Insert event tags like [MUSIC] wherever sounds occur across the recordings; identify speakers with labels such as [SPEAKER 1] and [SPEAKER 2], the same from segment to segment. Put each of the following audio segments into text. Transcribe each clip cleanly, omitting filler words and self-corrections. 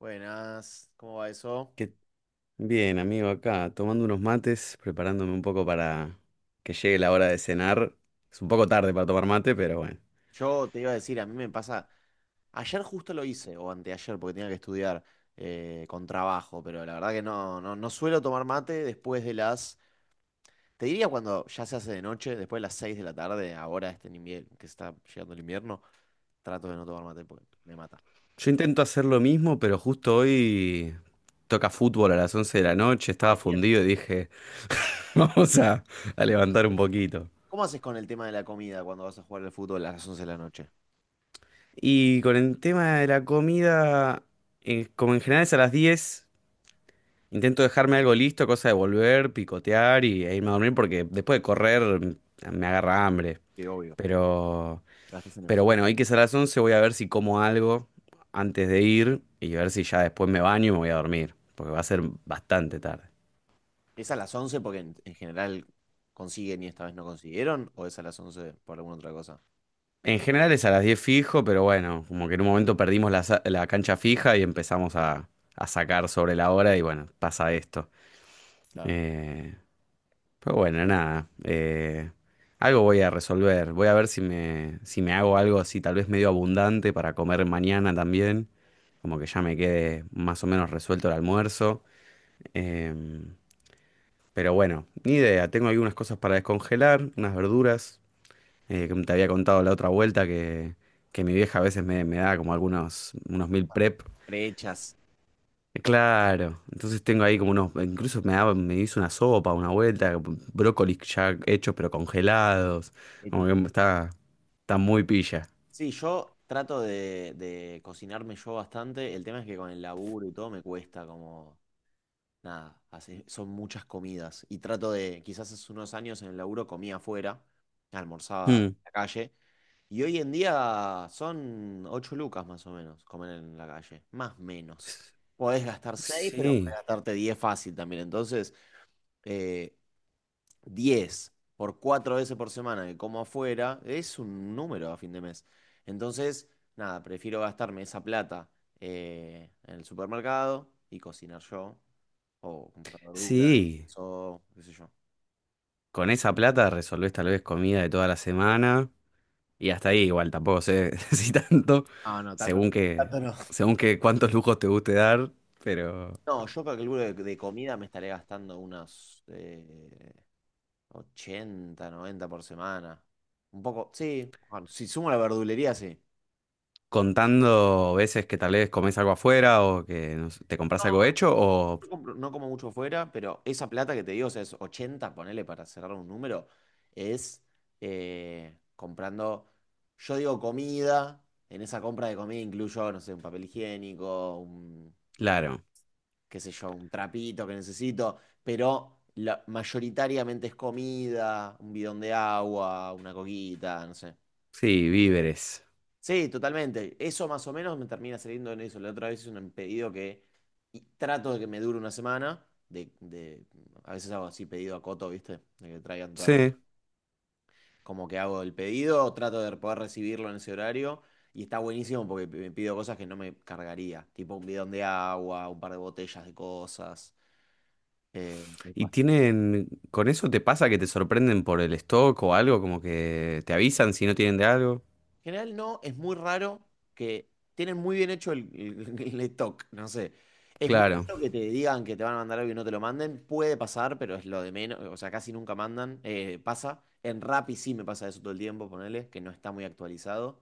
[SPEAKER 1] Buenas, ¿cómo va eso?
[SPEAKER 2] ¿Qué- Bien, amigo, acá tomando unos mates, preparándome un poco para que llegue la hora de cenar. Es un poco tarde para tomar mate, pero bueno.
[SPEAKER 1] Yo te iba a decir, a mí me pasa, ayer justo lo hice, o anteayer, porque tenía que estudiar con trabajo, pero la verdad que no suelo tomar mate después de las, te diría cuando ya se hace de noche, después de las 6 de la tarde, ahora este invierno, que está llegando el invierno, trato de no tomar mate porque me mata.
[SPEAKER 2] Yo intento hacer lo mismo, pero justo hoy toca fútbol a las 11 de la noche, estaba
[SPEAKER 1] Ay, Dios.
[SPEAKER 2] fundido y dije, [LAUGHS] vamos a levantar un poquito.
[SPEAKER 1] ¿Cómo haces con el tema de la comida cuando vas a jugar al fútbol a las 11 de la noche?
[SPEAKER 2] Y con el tema de la comida, como en general es a las 10 intento dejarme algo listo, cosa de volver, picotear e irme a dormir, porque después de correr me agarra hambre.
[SPEAKER 1] Que obvio,
[SPEAKER 2] Pero...
[SPEAKER 1] gastas energía.
[SPEAKER 2] Pero bueno, hoy que es a las 11 voy a ver si como algo antes de ir y ver si ya después me baño y me voy a dormir, porque va a ser bastante tarde.
[SPEAKER 1] ¿Es a las 11 porque en general consiguen y esta vez no consiguieron? ¿O es a las 11 por alguna otra cosa?
[SPEAKER 2] En general es a las 10 fijo, pero bueno, como que en un momento perdimos la cancha fija y empezamos a sacar sobre la hora y bueno, pasa esto.
[SPEAKER 1] Claro.
[SPEAKER 2] Eh, pero bueno, nada, algo voy a resolver. Voy a ver si me hago algo así, tal vez medio abundante para comer mañana también, como que ya me quede más o menos resuelto el almuerzo. Eh, Pero bueno, ni idea. Tengo algunas cosas para descongelar, unas verduras, que te había contado la otra vuelta que mi vieja a veces me da como algunos unos meal prep.
[SPEAKER 1] Prehechas.
[SPEAKER 2] Claro, entonces tengo ahí como unos, incluso me daba, me hizo una sopa, una vuelta, brócolis ya hechos pero congelados.
[SPEAKER 1] Epi.
[SPEAKER 2] Como que está muy pilla.
[SPEAKER 1] Sí, yo trato de cocinarme yo bastante. El tema es que con el laburo y todo me cuesta como. Nada, son muchas comidas. Y trato de, quizás hace unos años en el laburo comía afuera, almorzaba
[SPEAKER 2] Mm.
[SPEAKER 1] en la calle. Y hoy en día son 8 lucas más o menos comer en la calle, más menos. Podés gastar seis pero podés
[SPEAKER 2] Sí,
[SPEAKER 1] gastarte 10 fácil también. Entonces, eh, 10 por 4 veces por semana que como afuera es un número a fin de mes. Entonces, nada, prefiero gastarme esa plata en el supermercado y cocinar yo o comprar verduras
[SPEAKER 2] sí.
[SPEAKER 1] o qué sé yo.
[SPEAKER 2] Con esa plata resolvés tal vez comida de toda la semana. Y hasta ahí igual, tampoco sé [LAUGHS] si tanto,
[SPEAKER 1] Ah, no, tanto.
[SPEAKER 2] según que,
[SPEAKER 1] Tanto no.
[SPEAKER 2] según que cuántos lujos te guste dar, pero
[SPEAKER 1] No, yo calculo que de comida me estaré gastando unos 80, 90 por semana. Un poco, sí. Bueno, si sumo la verdulería, sí.
[SPEAKER 2] contando veces que tal vez comes algo afuera o que no sé, te compras
[SPEAKER 1] No,
[SPEAKER 2] algo hecho o,
[SPEAKER 1] no, no como mucho fuera, pero esa plata que te digo, o sea, es 80 ponele para cerrar un número, es comprando, yo digo comida, en esa compra de comida incluyo, no sé, un papel higiénico,
[SPEAKER 2] claro,
[SPEAKER 1] qué sé yo, un trapito que necesito, pero mayoritariamente es comida, un bidón de agua, una coquita, no sé.
[SPEAKER 2] sí, víveres.
[SPEAKER 1] Sí, totalmente. Eso más o menos me termina saliendo en eso. La otra vez es un pedido que y trato de que me dure una semana. A veces hago así pedido a Coto, ¿viste? De que traigan todo.
[SPEAKER 2] Sí,
[SPEAKER 1] Como que hago el pedido, trato de poder recibirlo en ese horario. Y está buenísimo porque me pido cosas que no me cargaría. Tipo un bidón de agua, un par de botellas de cosas. Eh,
[SPEAKER 2] y tienen, ¿con eso te pasa que te sorprenden por el stock o algo? Como que te avisan si no tienen de algo.
[SPEAKER 1] En general no, es muy raro que tienen muy bien hecho el stock, no sé. Es muy
[SPEAKER 2] Claro.
[SPEAKER 1] raro que te digan que te van a mandar algo y no te lo manden. Puede pasar, pero es lo de menos. O sea, casi nunca mandan. Pasa. En Rappi sí me pasa eso todo el tiempo, ponele, que no está muy actualizado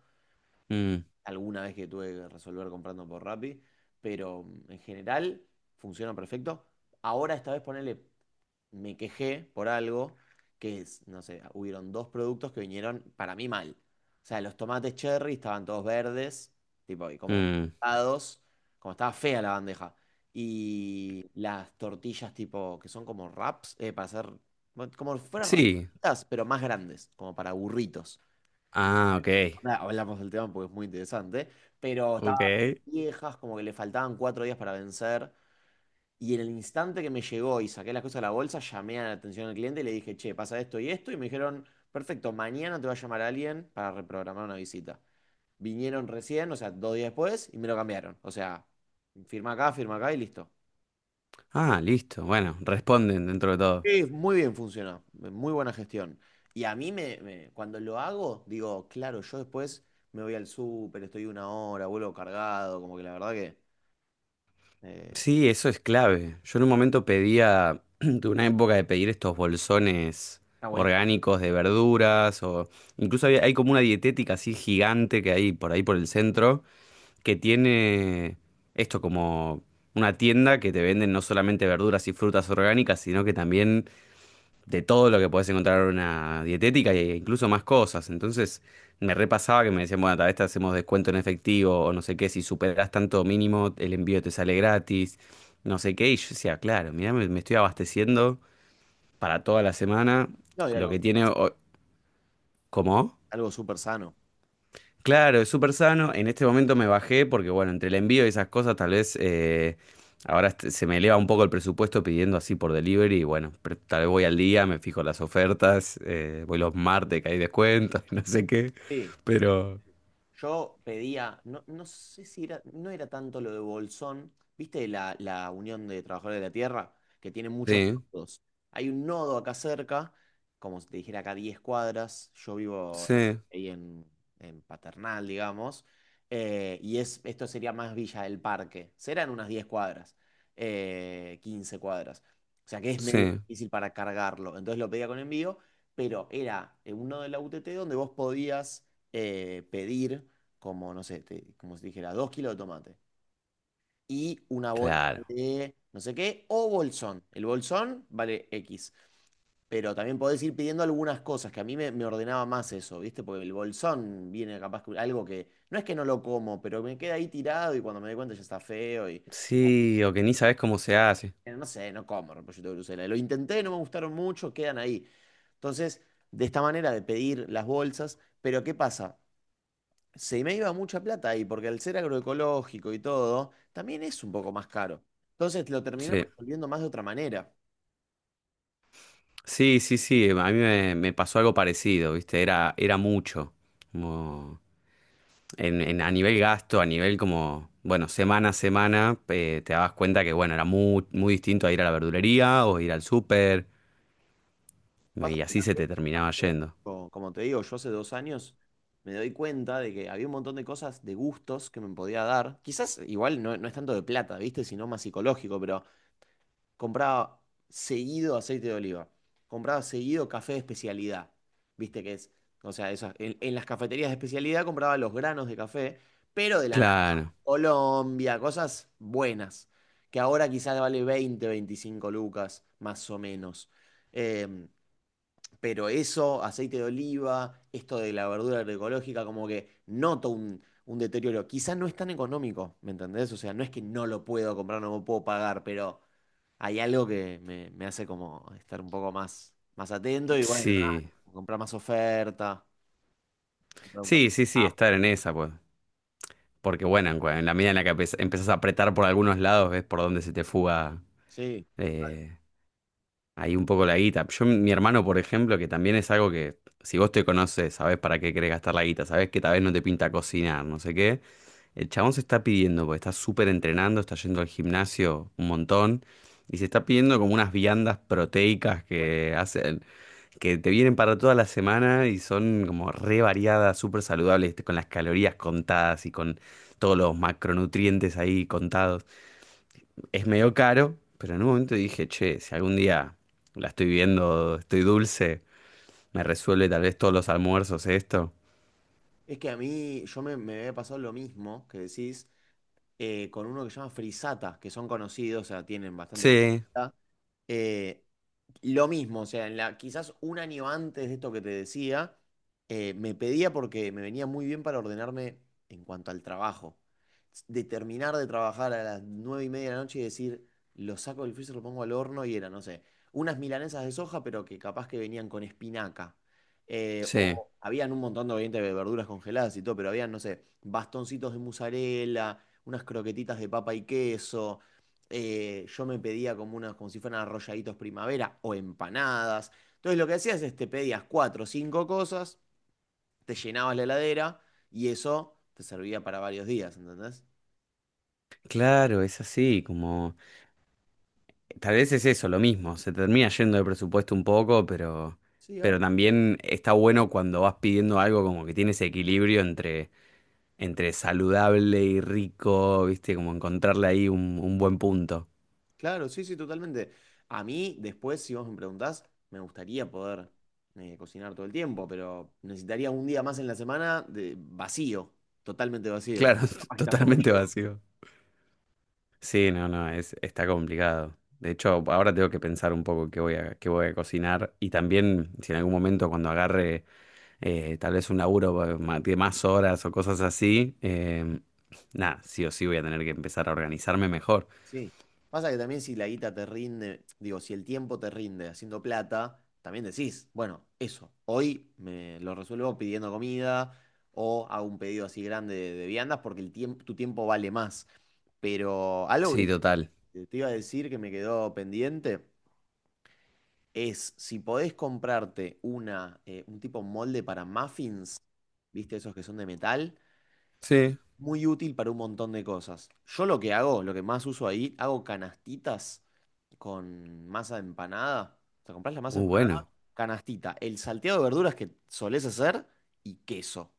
[SPEAKER 2] Mm,
[SPEAKER 1] alguna vez que tuve que resolver comprando por Rappi, pero en general funciona perfecto. Ahora esta vez ponele, me quejé por algo que es, no sé, hubieron dos productos que vinieron para mí mal. O sea, los tomates cherry estaban todos verdes, tipo, y como
[SPEAKER 2] mm.
[SPEAKER 1] dados, como estaba fea la bandeja. Y las tortillas tipo, que son como wraps, para hacer, bueno, como si fueran
[SPEAKER 2] Sí.
[SPEAKER 1] rapitas, pero más grandes, como para burritos.
[SPEAKER 2] Ah, ok.
[SPEAKER 1] Ahora hablamos del tema porque es muy interesante, pero
[SPEAKER 2] Ok.
[SPEAKER 1] viejas, como que le faltaban 4 días para vencer. Y en el instante que me llegó y saqué las cosas de la bolsa, llamé a la atención al cliente y le dije, che, pasa esto y esto. Y me dijeron, perfecto, mañana te va a llamar alguien para reprogramar una visita. Vinieron recién, o sea, 2 días después, y me lo cambiaron. O sea, firma acá y listo.
[SPEAKER 2] Ah, listo. Bueno, responden dentro de todo.
[SPEAKER 1] Sí, muy bien funcionó, muy buena gestión. Y a mí, cuando lo hago, digo, claro, yo después me voy al súper, estoy una hora, vuelvo cargado, como que la verdad que eh,
[SPEAKER 2] Sí, eso es clave. Yo en un momento pedía, [CLEARS THROAT] tuve una época de pedir estos bolsones
[SPEAKER 1] está buenísimo.
[SPEAKER 2] orgánicos de verduras o incluso hay como una dietética así gigante que hay por ahí por el centro que tiene esto como una tienda que te venden no solamente verduras y frutas orgánicas, sino que también de todo lo que podés encontrar en una dietética e incluso más cosas. Entonces me repasaba que me decían, bueno, tal vez te hacemos descuento en efectivo o no sé qué, si superás tanto mínimo, el envío te sale gratis, no sé qué. Y yo decía, claro, mirá, me estoy abasteciendo para toda la semana
[SPEAKER 1] No, y
[SPEAKER 2] lo
[SPEAKER 1] algo.
[SPEAKER 2] que tiene. ¿Cómo?
[SPEAKER 1] Algo súper sano.
[SPEAKER 2] Claro, es súper sano. En este momento me bajé porque, bueno, entre el envío y esas cosas, tal vez ahora se me eleva un poco el presupuesto pidiendo así por delivery. Y bueno, tal vez voy al día, me fijo las ofertas, voy los martes que hay descuentos, [LAUGHS] y no sé qué.
[SPEAKER 1] Sí.
[SPEAKER 2] Pero
[SPEAKER 1] Yo pedía, no, no sé si era, no era tanto lo de Bolsón, ¿viste la Unión de Trabajadores de la Tierra? Que tiene muchos
[SPEAKER 2] sí,
[SPEAKER 1] nodos. Hay un nodo acá cerca, como si te dijera acá 10 cuadras, yo vivo
[SPEAKER 2] sí,
[SPEAKER 1] ahí en Paternal, digamos, y es, esto sería más Villa del Parque, serán unas 10 cuadras, 15 cuadras, o sea que es medio
[SPEAKER 2] sí,
[SPEAKER 1] difícil para cargarlo, entonces lo pedía con envío, pero era un nodo de la UTT donde vos podías pedir, como, no sé, como si dijera, 2 kilos de tomate y una bolsa
[SPEAKER 2] claro.
[SPEAKER 1] de no sé qué, o bolsón. El bolsón vale X. Pero también podés ir pidiendo algunas cosas, que a mí me ordenaba más eso, ¿viste? Porque el bolsón viene capaz que algo que no es que no lo como, pero me queda ahí tirado y cuando me doy cuenta ya está feo y [LAUGHS]
[SPEAKER 2] Sí, o que ni sabes cómo se hace.
[SPEAKER 1] no sé, no como repollito de Bruselas. Lo intenté, no me gustaron mucho, quedan ahí. Entonces, de esta manera de pedir las bolsas, pero ¿qué pasa? Se me iba mucha plata ahí, porque al ser agroecológico y todo, también es un poco más caro. Entonces lo terminé
[SPEAKER 2] Sí,
[SPEAKER 1] resolviendo más de otra manera.
[SPEAKER 2] sí, sí, sí. A mí me pasó algo parecido, ¿viste? Era mucho. Como- a nivel gasto, a nivel como, bueno, semana a semana, te dabas cuenta que, bueno, era muy, muy distinto a ir a la verdulería o ir al súper,
[SPEAKER 1] Pasa
[SPEAKER 2] y
[SPEAKER 1] que
[SPEAKER 2] así se
[SPEAKER 1] también,
[SPEAKER 2] te terminaba yendo.
[SPEAKER 1] como te digo, yo hace 2 años me doy cuenta de que había un montón de cosas, de gustos que me podía dar. Quizás igual no, no es tanto de plata, ¿viste? Sino más psicológico, pero compraba seguido aceite de oliva, compraba seguido café de especialidad, ¿viste? Que es, o sea, en las cafeterías de especialidad compraba los granos de café pero de la
[SPEAKER 2] Claro,
[SPEAKER 1] Colombia, cosas buenas, que ahora quizás vale 20, 25 lucas, más o menos. Em, pero eso, aceite de oliva, esto de la verdura agroecológica, como que noto un deterioro. Quizás no es tan económico, ¿me entendés? O sea, no es que no lo puedo comprar, no lo puedo pagar, pero hay algo que me hace como estar un poco más atento y bueno, nada,
[SPEAKER 2] sí,
[SPEAKER 1] comprar más oferta, comprar un
[SPEAKER 2] sí,
[SPEAKER 1] café.
[SPEAKER 2] sí, sí, estar en esa, pues. Porque, bueno, en la medida en la que empezás a apretar por algunos lados, ves por dónde se te fuga
[SPEAKER 1] Sí, total.
[SPEAKER 2] eh, Ahí un poco la guita. Yo, mi hermano, por ejemplo, que también es algo que, si vos te conoces, sabés para qué querés gastar la guita, sabés que tal vez no te pinta cocinar, no sé qué. El chabón se está pidiendo, porque está súper entrenando, está yendo al gimnasio un montón, y se está pidiendo como unas viandas proteicas que hacen, que te vienen para toda la semana y son como re variadas, súper saludables, con las calorías contadas y con todos los macronutrientes ahí contados, es medio caro, pero en un momento dije, che, si algún día la estoy viendo, estoy dulce, me resuelve tal vez todos los almuerzos esto.
[SPEAKER 1] Es que a mí, yo me había pasado lo mismo que decís, con uno que se llama Frisata, que son conocidos, o sea, tienen bastante
[SPEAKER 2] Sí,
[SPEAKER 1] publicidad. Eh, lo mismo, o sea, quizás un año antes de esto que te decía, me pedía porque me venía muy bien para ordenarme en cuanto al trabajo. De terminar de trabajar a las 9:30 de la noche y decir, lo saco del freezer, lo pongo al horno y era, no sé, unas milanesas de soja, pero que capaz que venían con espinaca.
[SPEAKER 2] sí,
[SPEAKER 1] O habían un montón de obviamente de verduras congeladas y todo, pero habían, no sé, bastoncitos de mozzarella, unas croquetitas de papa y queso yo me pedía como unas, como si fueran arrolladitos primavera o empanadas. Entonces lo que hacías es te pedías cuatro o cinco cosas, te llenabas la heladera y eso te servía para varios días, ¿entendés?
[SPEAKER 2] claro, es así, como tal vez es eso, lo mismo, se termina yendo de presupuesto un poco, pero
[SPEAKER 1] Sí, ahora.
[SPEAKER 2] pero también está bueno cuando vas pidiendo algo como que tiene ese equilibrio entre saludable y rico, ¿viste? Como encontrarle ahí un buen punto.
[SPEAKER 1] Claro, sí, sí, totalmente. A mí, después, si vos me preguntás, me gustaría poder cocinar todo el tiempo, pero necesitaría un día más en la semana de vacío, totalmente vacío.
[SPEAKER 2] Claro, [LAUGHS] totalmente vacío. Sí, no, no, está complicado. De hecho, ahora tengo que pensar un poco qué voy a cocinar y también si en algún momento cuando agarre tal vez un laburo de más horas o cosas así, nada, sí o sí voy a tener que empezar a organizarme mejor.
[SPEAKER 1] Sí. Pasa que también si la guita te rinde, digo, si el tiempo te rinde haciendo plata, también decís, bueno, eso, hoy me lo resuelvo pidiendo comida o hago un pedido así grande de viandas porque el tiempo, tu tiempo vale más. Pero algo que
[SPEAKER 2] Sí, total.
[SPEAKER 1] te iba a decir que me quedó pendiente es si podés comprarte un tipo molde para muffins, ¿viste? Esos que son de metal
[SPEAKER 2] Sí.
[SPEAKER 1] muy útil para un montón de cosas. Yo lo que hago, lo que más uso ahí, hago canastitas con masa de empanada. O sea, comprás la masa de
[SPEAKER 2] Muy
[SPEAKER 1] empanada,
[SPEAKER 2] bueno.
[SPEAKER 1] canastita, el salteado de verduras que solés hacer y queso.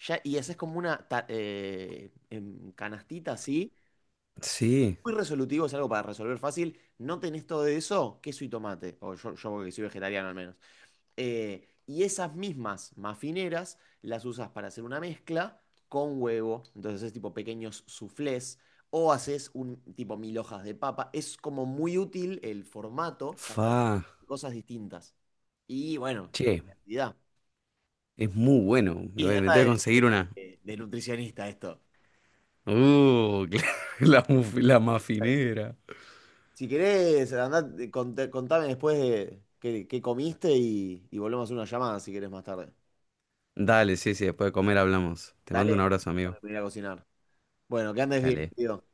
[SPEAKER 1] Ya, y haces como una canastita así.
[SPEAKER 2] Sí.
[SPEAKER 1] Muy resolutivo, es algo para resolver fácil. No tenés todo eso, queso y tomate. O yo que soy vegetariano al menos. Y esas mismas mafineras las usas para hacer una mezcla con huevo. Entonces es tipo pequeños soufflés o haces un tipo mil hojas de papa. Es como muy útil el formato para
[SPEAKER 2] Fa.
[SPEAKER 1] hacer cosas distintas. Y bueno, la
[SPEAKER 2] Che,
[SPEAKER 1] cantidad.
[SPEAKER 2] es muy bueno. Me,
[SPEAKER 1] Y es
[SPEAKER 2] voy- me
[SPEAKER 1] data
[SPEAKER 2] tengo que
[SPEAKER 1] de,
[SPEAKER 2] conseguir una.
[SPEAKER 1] de nutricionista esto.
[SPEAKER 2] Uh, [LAUGHS] la, muf- la mafinera.
[SPEAKER 1] Si querés, andá, contame después de qué comiste y volvemos a hacer una llamada si querés más tarde.
[SPEAKER 2] Dale, sí, sí, después de comer hablamos. Te mando un
[SPEAKER 1] Dale,
[SPEAKER 2] abrazo, amigo.
[SPEAKER 1] voy a ir a cocinar. Bueno, que andes bien,
[SPEAKER 2] Dale.
[SPEAKER 1] querido.